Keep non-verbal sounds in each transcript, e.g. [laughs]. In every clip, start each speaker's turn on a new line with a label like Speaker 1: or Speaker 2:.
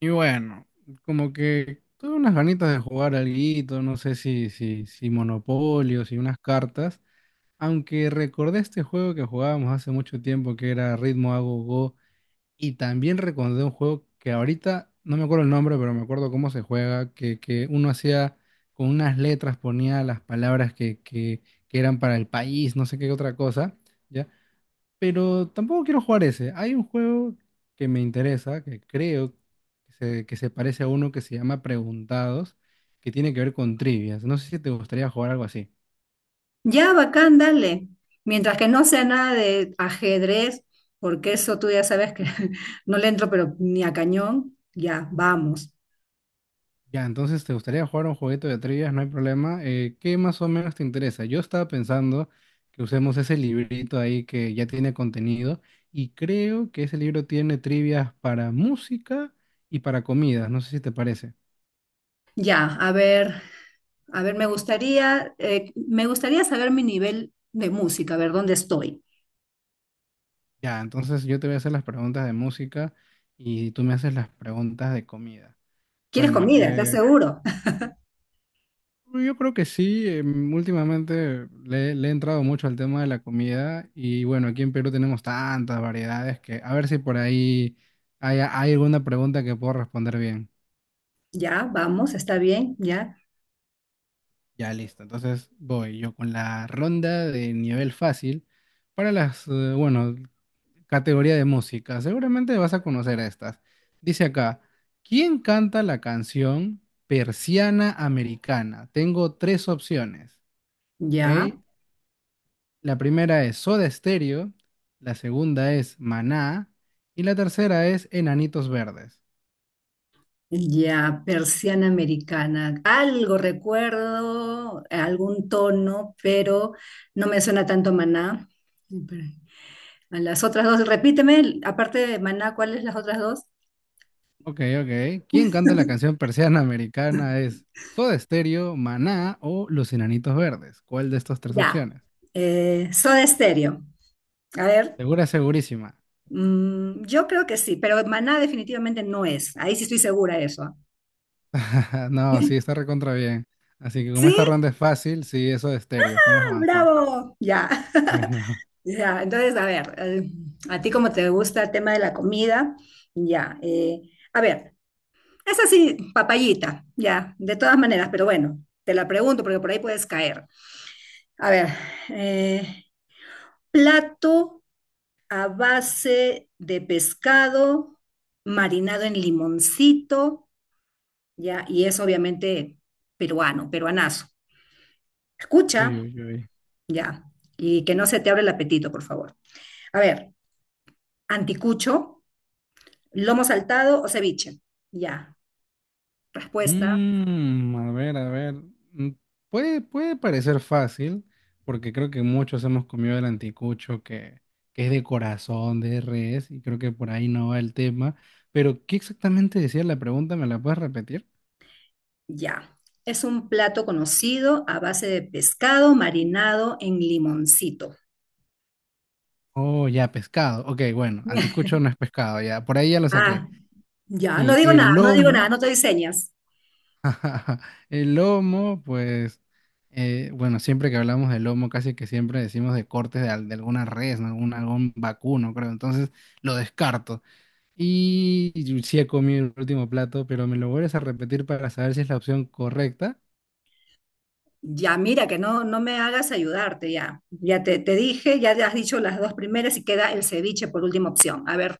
Speaker 1: Y bueno, como que tuve unas ganitas de jugar alguito, no sé si Monopolio, si unas cartas, aunque recordé este juego que jugábamos hace mucho tiempo que era Ritmo a Go Go, y también recordé un juego que ahorita no me acuerdo el nombre, pero me acuerdo cómo se juega, que uno hacía con unas letras, ponía las palabras que eran para el país, no sé qué otra cosa, ¿ya? Pero tampoco quiero jugar ese. Hay un juego que me interesa, que creo que se parece a uno que se llama Preguntados, que tiene que ver con trivias. No sé si te gustaría jugar algo así.
Speaker 2: Ya, bacán, dale. Mientras que no sea nada de ajedrez, porque eso tú ya sabes que [laughs] no le entro, pero ni a cañón, ya, vamos.
Speaker 1: Ya, entonces te gustaría jugar un jueguito de trivias, no hay problema. ¿Qué más o menos te interesa? Yo estaba pensando que usemos ese librito ahí que ya tiene contenido y creo que ese libro tiene trivias para música y para comidas. No sé si te parece.
Speaker 2: Ya, a ver, me gustaría saber mi nivel de música, a ver dónde estoy.
Speaker 1: Ya, entonces yo te voy a hacer las preguntas de música y tú me haces las preguntas de comida.
Speaker 2: ¿Quieres
Speaker 1: Bueno,
Speaker 2: comida? ¿Estás seguro? [laughs]
Speaker 1: yo creo que sí, últimamente le he entrado mucho al tema de la comida y bueno, aquí en Perú tenemos tantas variedades que a ver si por ahí hay alguna pregunta que puedo responder bien.
Speaker 2: Ya, vamos, está bien, ya,
Speaker 1: Ya listo, entonces voy yo con la ronda de nivel fácil para las, bueno, categoría de música. Seguramente vas a conocer estas. Dice acá, ¿quién canta la canción Persiana Americana? Tengo tres opciones, ¿ok?
Speaker 2: ya,
Speaker 1: La primera es Soda Stereo, la segunda es Maná y la tercera es Enanitos Verdes.
Speaker 2: ya, persiana americana. Algo recuerdo, algún tono, pero no me suena tanto Maná. A las otras dos, repíteme, aparte de Maná, ¿cuáles las otras dos?
Speaker 1: Ok, ok. ¿Quién canta la canción Persiana Americana? ¿Es Soda Stereo, Maná o Los Enanitos Verdes? ¿Cuál de estas tres
Speaker 2: Ya.
Speaker 1: opciones?
Speaker 2: Soda Stereo. A ver,
Speaker 1: Segura, segurísima.
Speaker 2: mm, yo creo que sí, pero Maná definitivamente no es. Ahí sí estoy segura de eso. ¿Ah?
Speaker 1: [laughs] No, sí, está
Speaker 2: [laughs]
Speaker 1: recontra bien. Así que como
Speaker 2: ¿Sí?
Speaker 1: esta ronda es fácil, sí, eso de Stereo. Estamos
Speaker 2: ¡Ah!
Speaker 1: avanzando.
Speaker 2: ¡Bravo! Ya,
Speaker 1: Bueno,
Speaker 2: [laughs] ya. Entonces, a ver, a ti como te gusta el tema de la comida, ya. A ver, es así, papayita, ya, de todas maneras, pero bueno, te la pregunto porque por ahí puedes caer. A ver, eh, plato a base de pescado marinado en limoncito, ya, y es obviamente peruano, peruanazo.
Speaker 1: [laughs] uy,
Speaker 2: Escucha,
Speaker 1: uy, uy.
Speaker 2: ya, y que no se te abre el apetito, por favor. A ver, anticucho, lomo saltado o ceviche. Ya, respuesta,
Speaker 1: A ver, a ver. Mm, puede parecer fácil, porque creo que muchos hemos comido el anticucho que es de corazón, de res, y creo que por ahí no va el tema. Pero, ¿qué exactamente decía la pregunta? ¿Me la puedes repetir?
Speaker 2: ya. Es un plato conocido a base de pescado marinado en limoncito.
Speaker 1: Oh, ya, pescado. Ok, bueno,
Speaker 2: [laughs]
Speaker 1: anticucho no es pescado, ya. Por ahí ya lo saqué.
Speaker 2: Ah, ya, no
Speaker 1: Sí,
Speaker 2: digo nada,
Speaker 1: el
Speaker 2: no digo nada,
Speaker 1: lomo.
Speaker 2: no te diseñas.
Speaker 1: [laughs] El lomo, pues, bueno, siempre que hablamos de lomo, casi que siempre decimos de cortes de alguna res, ¿no? Algún, algún vacuno, creo. Entonces lo descarto. Y yo sí he comido el último plato, pero me lo vuelves a repetir para saber si es la opción correcta.
Speaker 2: Ya, mira, que no me hagas ayudarte, ya. Ya te dije, ya te has dicho las dos primeras y queda el ceviche por última opción. A ver,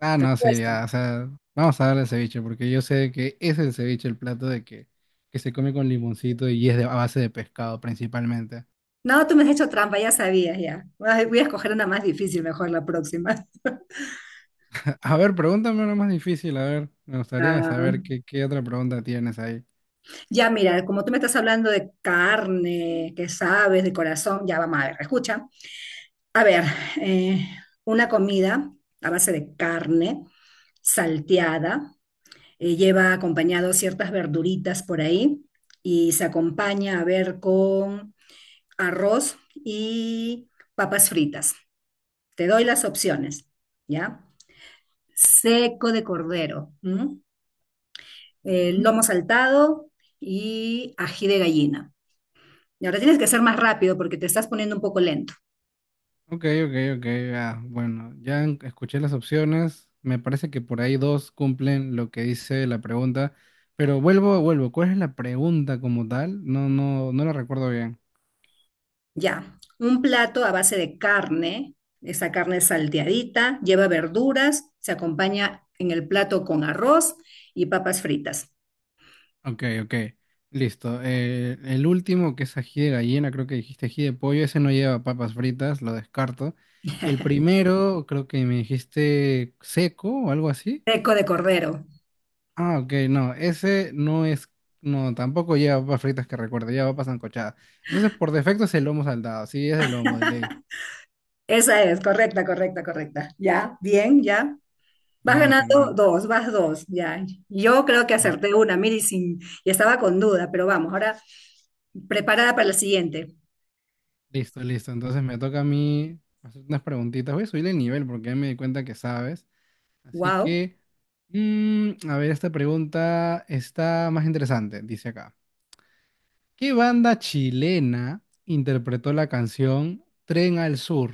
Speaker 1: Ah, no, sí, ya, o
Speaker 2: respuesta.
Speaker 1: sea, vamos a darle ceviche, porque yo sé que ese es el ceviche, el plato de que se come con limoncito y es de, a base de pescado principalmente.
Speaker 2: No, tú me has hecho trampa, ya sabías, ya. Ay, voy a escoger una más difícil, mejor la próxima. [laughs]
Speaker 1: [laughs] A ver, pregúntame una más difícil, a ver, me gustaría
Speaker 2: Ah,
Speaker 1: saber qué, qué otra pregunta tienes ahí.
Speaker 2: ya, mira, como tú me estás hablando de carne, que sabes, de corazón, ya vamos a ver, escucha. A ver, eh, una comida a base de carne salteada. Lleva acompañado ciertas verduritas por ahí y se acompaña a ver con arroz y papas fritas. Te doy las opciones, ¿ya? Seco de cordero, ¿m?
Speaker 1: Ujú.
Speaker 2: Lomo saltado y ají de gallina. Y ahora tienes que ser más rápido porque te estás poniendo un poco lento.
Speaker 1: Ok, ok, ok. Ah, bueno, ya escuché las opciones. Me parece que por ahí dos cumplen lo que dice la pregunta. Pero vuelvo, vuelvo. ¿Cuál es la pregunta como tal? No, no, no la recuerdo bien.
Speaker 2: Ya, un plato a base de carne, esa carne salteadita, lleva verduras, se acompaña en el plato con arroz y papas fritas.
Speaker 1: Ok, ok. Listo. El último, que es ají de gallina, creo que dijiste ají de pollo. Ese no lleva papas fritas, lo descarto. El sí,
Speaker 2: [laughs]
Speaker 1: primero, creo que me dijiste seco o algo así.
Speaker 2: Eco de cordero.
Speaker 1: Ah, ok, no, ese no es, no, tampoco lleva papas fritas que recuerde, lleva papas sancochadas. Entonces, por defecto es el lomo saltado, sí, es el lomo de ley.
Speaker 2: Esa es, correcta, correcta, correcta. Ya, bien, ya. Vas
Speaker 1: Genial,
Speaker 2: ganando
Speaker 1: genial.
Speaker 2: dos, vas dos, ya. Yo creo que
Speaker 1: Ya,
Speaker 2: acerté una, mira, y, sin, y estaba con duda, pero vamos, ahora preparada para la siguiente.
Speaker 1: listo, listo. Entonces me toca a mí hacer unas preguntitas. Voy a subir el nivel porque ya me di cuenta que sabes. Así
Speaker 2: Wow,
Speaker 1: que, mm, a ver, esta pregunta está más interesante, dice acá. ¿Qué banda chilena interpretó la canción Tren al Sur?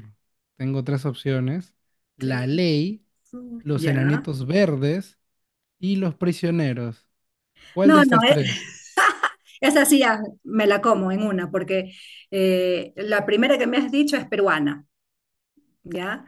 Speaker 1: Tengo tres opciones. La
Speaker 2: tres,
Speaker 1: Ley,
Speaker 2: dos,
Speaker 1: los
Speaker 2: ya.
Speaker 1: Enanitos Verdes y Los Prisioneros. ¿Cuál de
Speaker 2: No, no,
Speaker 1: estas
Speaker 2: eh,
Speaker 1: tres?
Speaker 2: [laughs] esa sí ya me la como en una, porque la primera que me has dicho es peruana. ¿Ya?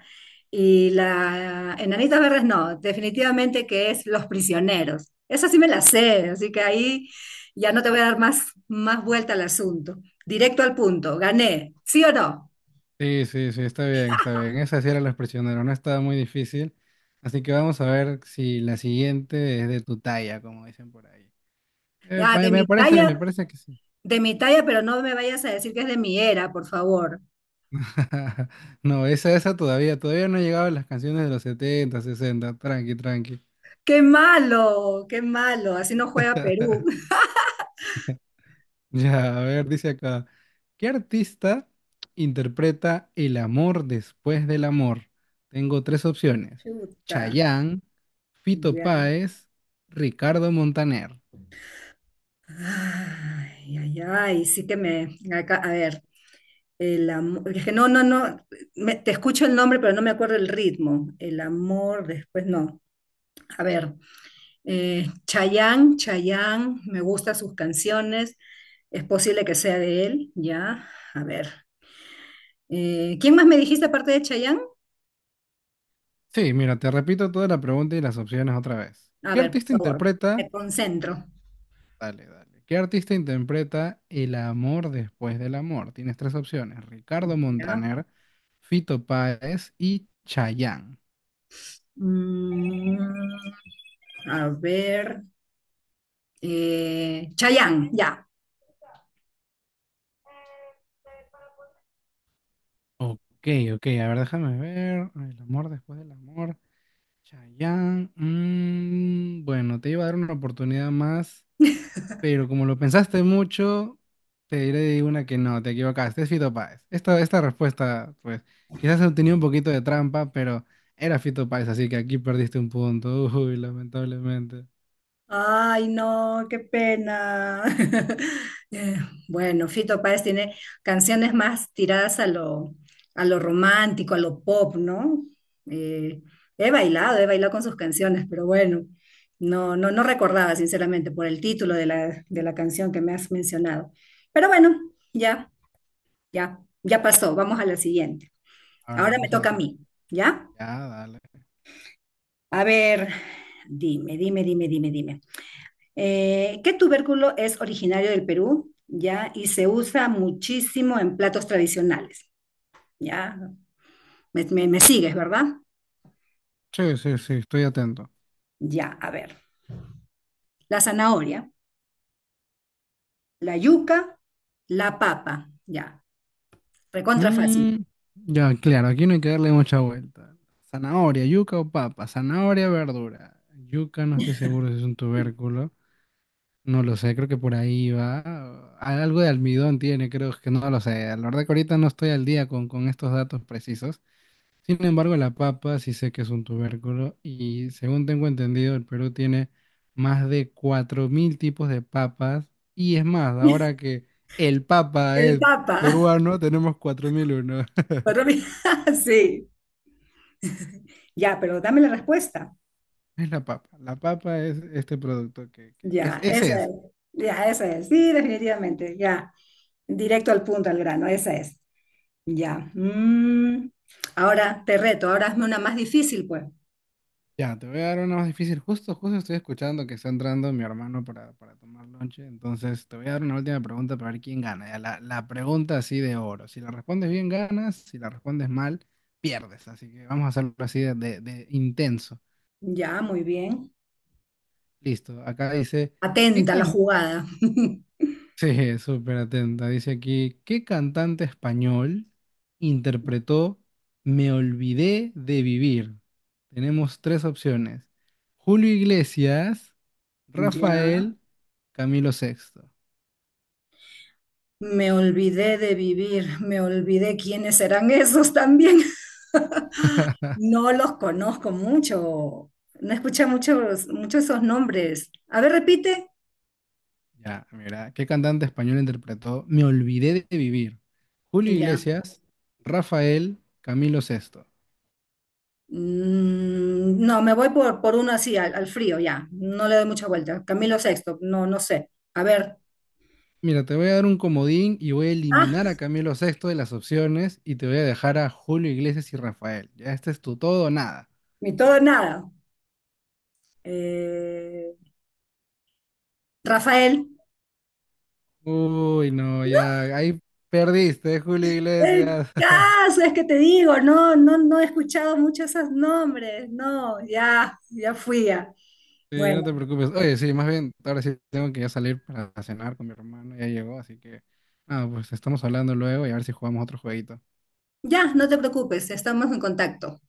Speaker 2: Y la Enanita Verdes no, definitivamente que es Los Prisioneros. Esa sí me la sé, así que ahí ya no te voy a dar más, más vuelta al asunto. Directo al punto, gané, ¿sí o no?
Speaker 1: Sí, sí, sí, está bien, está bien. Esa sí era Los Prisioneros, no estaba muy difícil. Así que vamos a ver si la siguiente es de tu talla, como dicen por ahí. Eh,
Speaker 2: Ah,
Speaker 1: pa- me parece, me parece que sí.
Speaker 2: de mi talla, pero no me vayas a decir que es de mi era, por favor.
Speaker 1: [laughs] No, esa todavía, todavía no ha llegado a las canciones de los 70, 60. Tranqui, tranqui.
Speaker 2: ¡Qué malo! ¡Qué malo! Así no juega Perú.
Speaker 1: [laughs]
Speaker 2: [laughs]
Speaker 1: [laughs] Ya, a ver, dice acá, ¿qué artista interpreta El amor después del amor? Tengo tres opciones,
Speaker 2: Chuta,
Speaker 1: Chayanne, Fito
Speaker 2: ya.
Speaker 1: Páez, Ricardo Montaner.
Speaker 2: Ay, ay, ay, sí que me... acá- a ver. El amor, es que no, me- te escucho el nombre, pero no me acuerdo el ritmo. El amor, después no. A ver, Chayanne, Chayanne, me gustan sus canciones, es posible que sea de él, ya. A ver, ¿quién más me dijiste aparte de Chayanne?
Speaker 1: Sí, mira, te repito toda la pregunta y las opciones otra vez.
Speaker 2: A
Speaker 1: ¿Qué
Speaker 2: ver, por
Speaker 1: artista
Speaker 2: favor,
Speaker 1: interpreta?
Speaker 2: me concentro,
Speaker 1: Dale, dale. ¿Qué artista interpreta El amor después del amor? Tienes tres opciones, Ricardo
Speaker 2: ya.
Speaker 1: Montaner, Fito Páez y Chayanne.
Speaker 2: Mm, a ver, Chayanne, ya.
Speaker 1: Ok, ok, a ver, déjame ver. El amor después del amor. Chayanne, bueno, te iba a dar una oportunidad más,
Speaker 2: [laughs]
Speaker 1: pero como lo pensaste mucho, te diré una que no, te equivocaste, es Fito Páez. Esta respuesta, pues, quizás tenía un poquito de trampa, pero era Fito Páez, así que aquí perdiste un punto, [laughs] uy, lamentablemente.
Speaker 2: Ay, no, qué pena. [laughs] Eh, bueno, Fito Páez tiene canciones más tiradas a lo romántico, a lo pop, ¿no? Eh, he bailado con sus canciones, pero bueno, no recordaba, sinceramente, por el título de la canción que me has mencionado. Pero bueno, ya, ya, ya pasó. Vamos a la siguiente.
Speaker 1: A ver,
Speaker 2: Ahora me
Speaker 1: vamos a la
Speaker 2: toca a
Speaker 1: siguiente.
Speaker 2: mí, ¿ya?
Speaker 1: Ya, dale.
Speaker 2: A ver, dime, dime, dime, dime, dime. ¿Qué tubérculo es originario del Perú? ¿Ya? Y se usa muchísimo en platos tradicionales. ¿Ya? Me, me sigues, ¿verdad?
Speaker 1: Sí, sí, sí, estoy atento.
Speaker 2: Ya, a ver. La zanahoria, la yuca, la papa. Ya, recontra fácil.
Speaker 1: Mm, ya, claro, aquí no hay que darle mucha vuelta. Zanahoria, yuca o papa. Zanahoria, verdura. Yuca, no estoy seguro si es un tubérculo. No lo sé, creo que por ahí va. Algo de almidón tiene, creo que no lo sé. La verdad que ahorita no estoy al día con estos datos precisos. Sin embargo, la papa sí sé que es un tubérculo y según tengo entendido, el Perú tiene más de 4000 tipos de papas. Y es más, ahora que el papa
Speaker 2: El
Speaker 1: es
Speaker 2: papa. [laughs]
Speaker 1: peruano, tenemos 4001. [laughs]
Speaker 2: Pero mira, [laughs] sí. Ya, pero dame la respuesta.
Speaker 1: Es la papa. La papa es este producto que es,
Speaker 2: Ya,
Speaker 1: ese
Speaker 2: esa es.
Speaker 1: es.
Speaker 2: Ya, esa es. Sí, definitivamente. Ya. Directo al punto, al grano. Esa es. Ya. Mm. Ahora te reto, ahora hazme una más difícil, pues.
Speaker 1: Ya, te voy a dar una más difícil. Justo, justo estoy escuchando que está entrando mi hermano para tomar lonche. Entonces, te voy a dar una última pregunta para ver quién gana. Ya, la pregunta así de oro. Si la respondes bien, ganas. Si la respondes mal, pierdes. Así que vamos a hacerlo así de intenso.
Speaker 2: Ya, muy bien.
Speaker 1: Listo. Acá dice, ¿qué
Speaker 2: Atenta a la jugada. [laughs]
Speaker 1: sí, súper atenta. Dice aquí, ¿qué cantante español interpretó Me olvidé de vivir? Tenemos tres opciones. Julio Iglesias,
Speaker 2: Ya.
Speaker 1: Rafael, Camilo Sexto.
Speaker 2: Me olvidé de vivir, me olvidé quiénes serán esos también. [laughs]
Speaker 1: [laughs]
Speaker 2: No los conozco mucho. No escuché muchos, muchos esos nombres. A ver, repite.
Speaker 1: Ya, mira, ¿qué cantante español interpretó Me olvidé de vivir? Julio
Speaker 2: Ya.
Speaker 1: Iglesias, Rafael, Camilo Sexto.
Speaker 2: Mm, no, me voy por uno así, al, al frío, ya. No le doy mucha vuelta. Camilo Sexto, no, no sé. A ver.
Speaker 1: Mira, te voy a dar un comodín y voy a eliminar
Speaker 2: Ah,
Speaker 1: a Camilo Sexto de las opciones y te voy a dejar a Julio Iglesias y Rafael. Ya este es tu todo o nada.
Speaker 2: ni todo nada. Eh, Rafael.
Speaker 1: Uy, no, ya ahí perdiste, Julio
Speaker 2: El
Speaker 1: Iglesias. [laughs]
Speaker 2: caso es que te digo, no he escuchado muchos esos nombres. No, ya, ya fui ya.
Speaker 1: Sí, no
Speaker 2: Bueno,
Speaker 1: te preocupes. Oye, sí, más bien, ahora sí tengo que ya salir para cenar con mi hermano, ya llegó, así que, ah, pues estamos hablando luego y a ver si jugamos otro jueguito.
Speaker 2: ya, no te preocupes, estamos en contacto.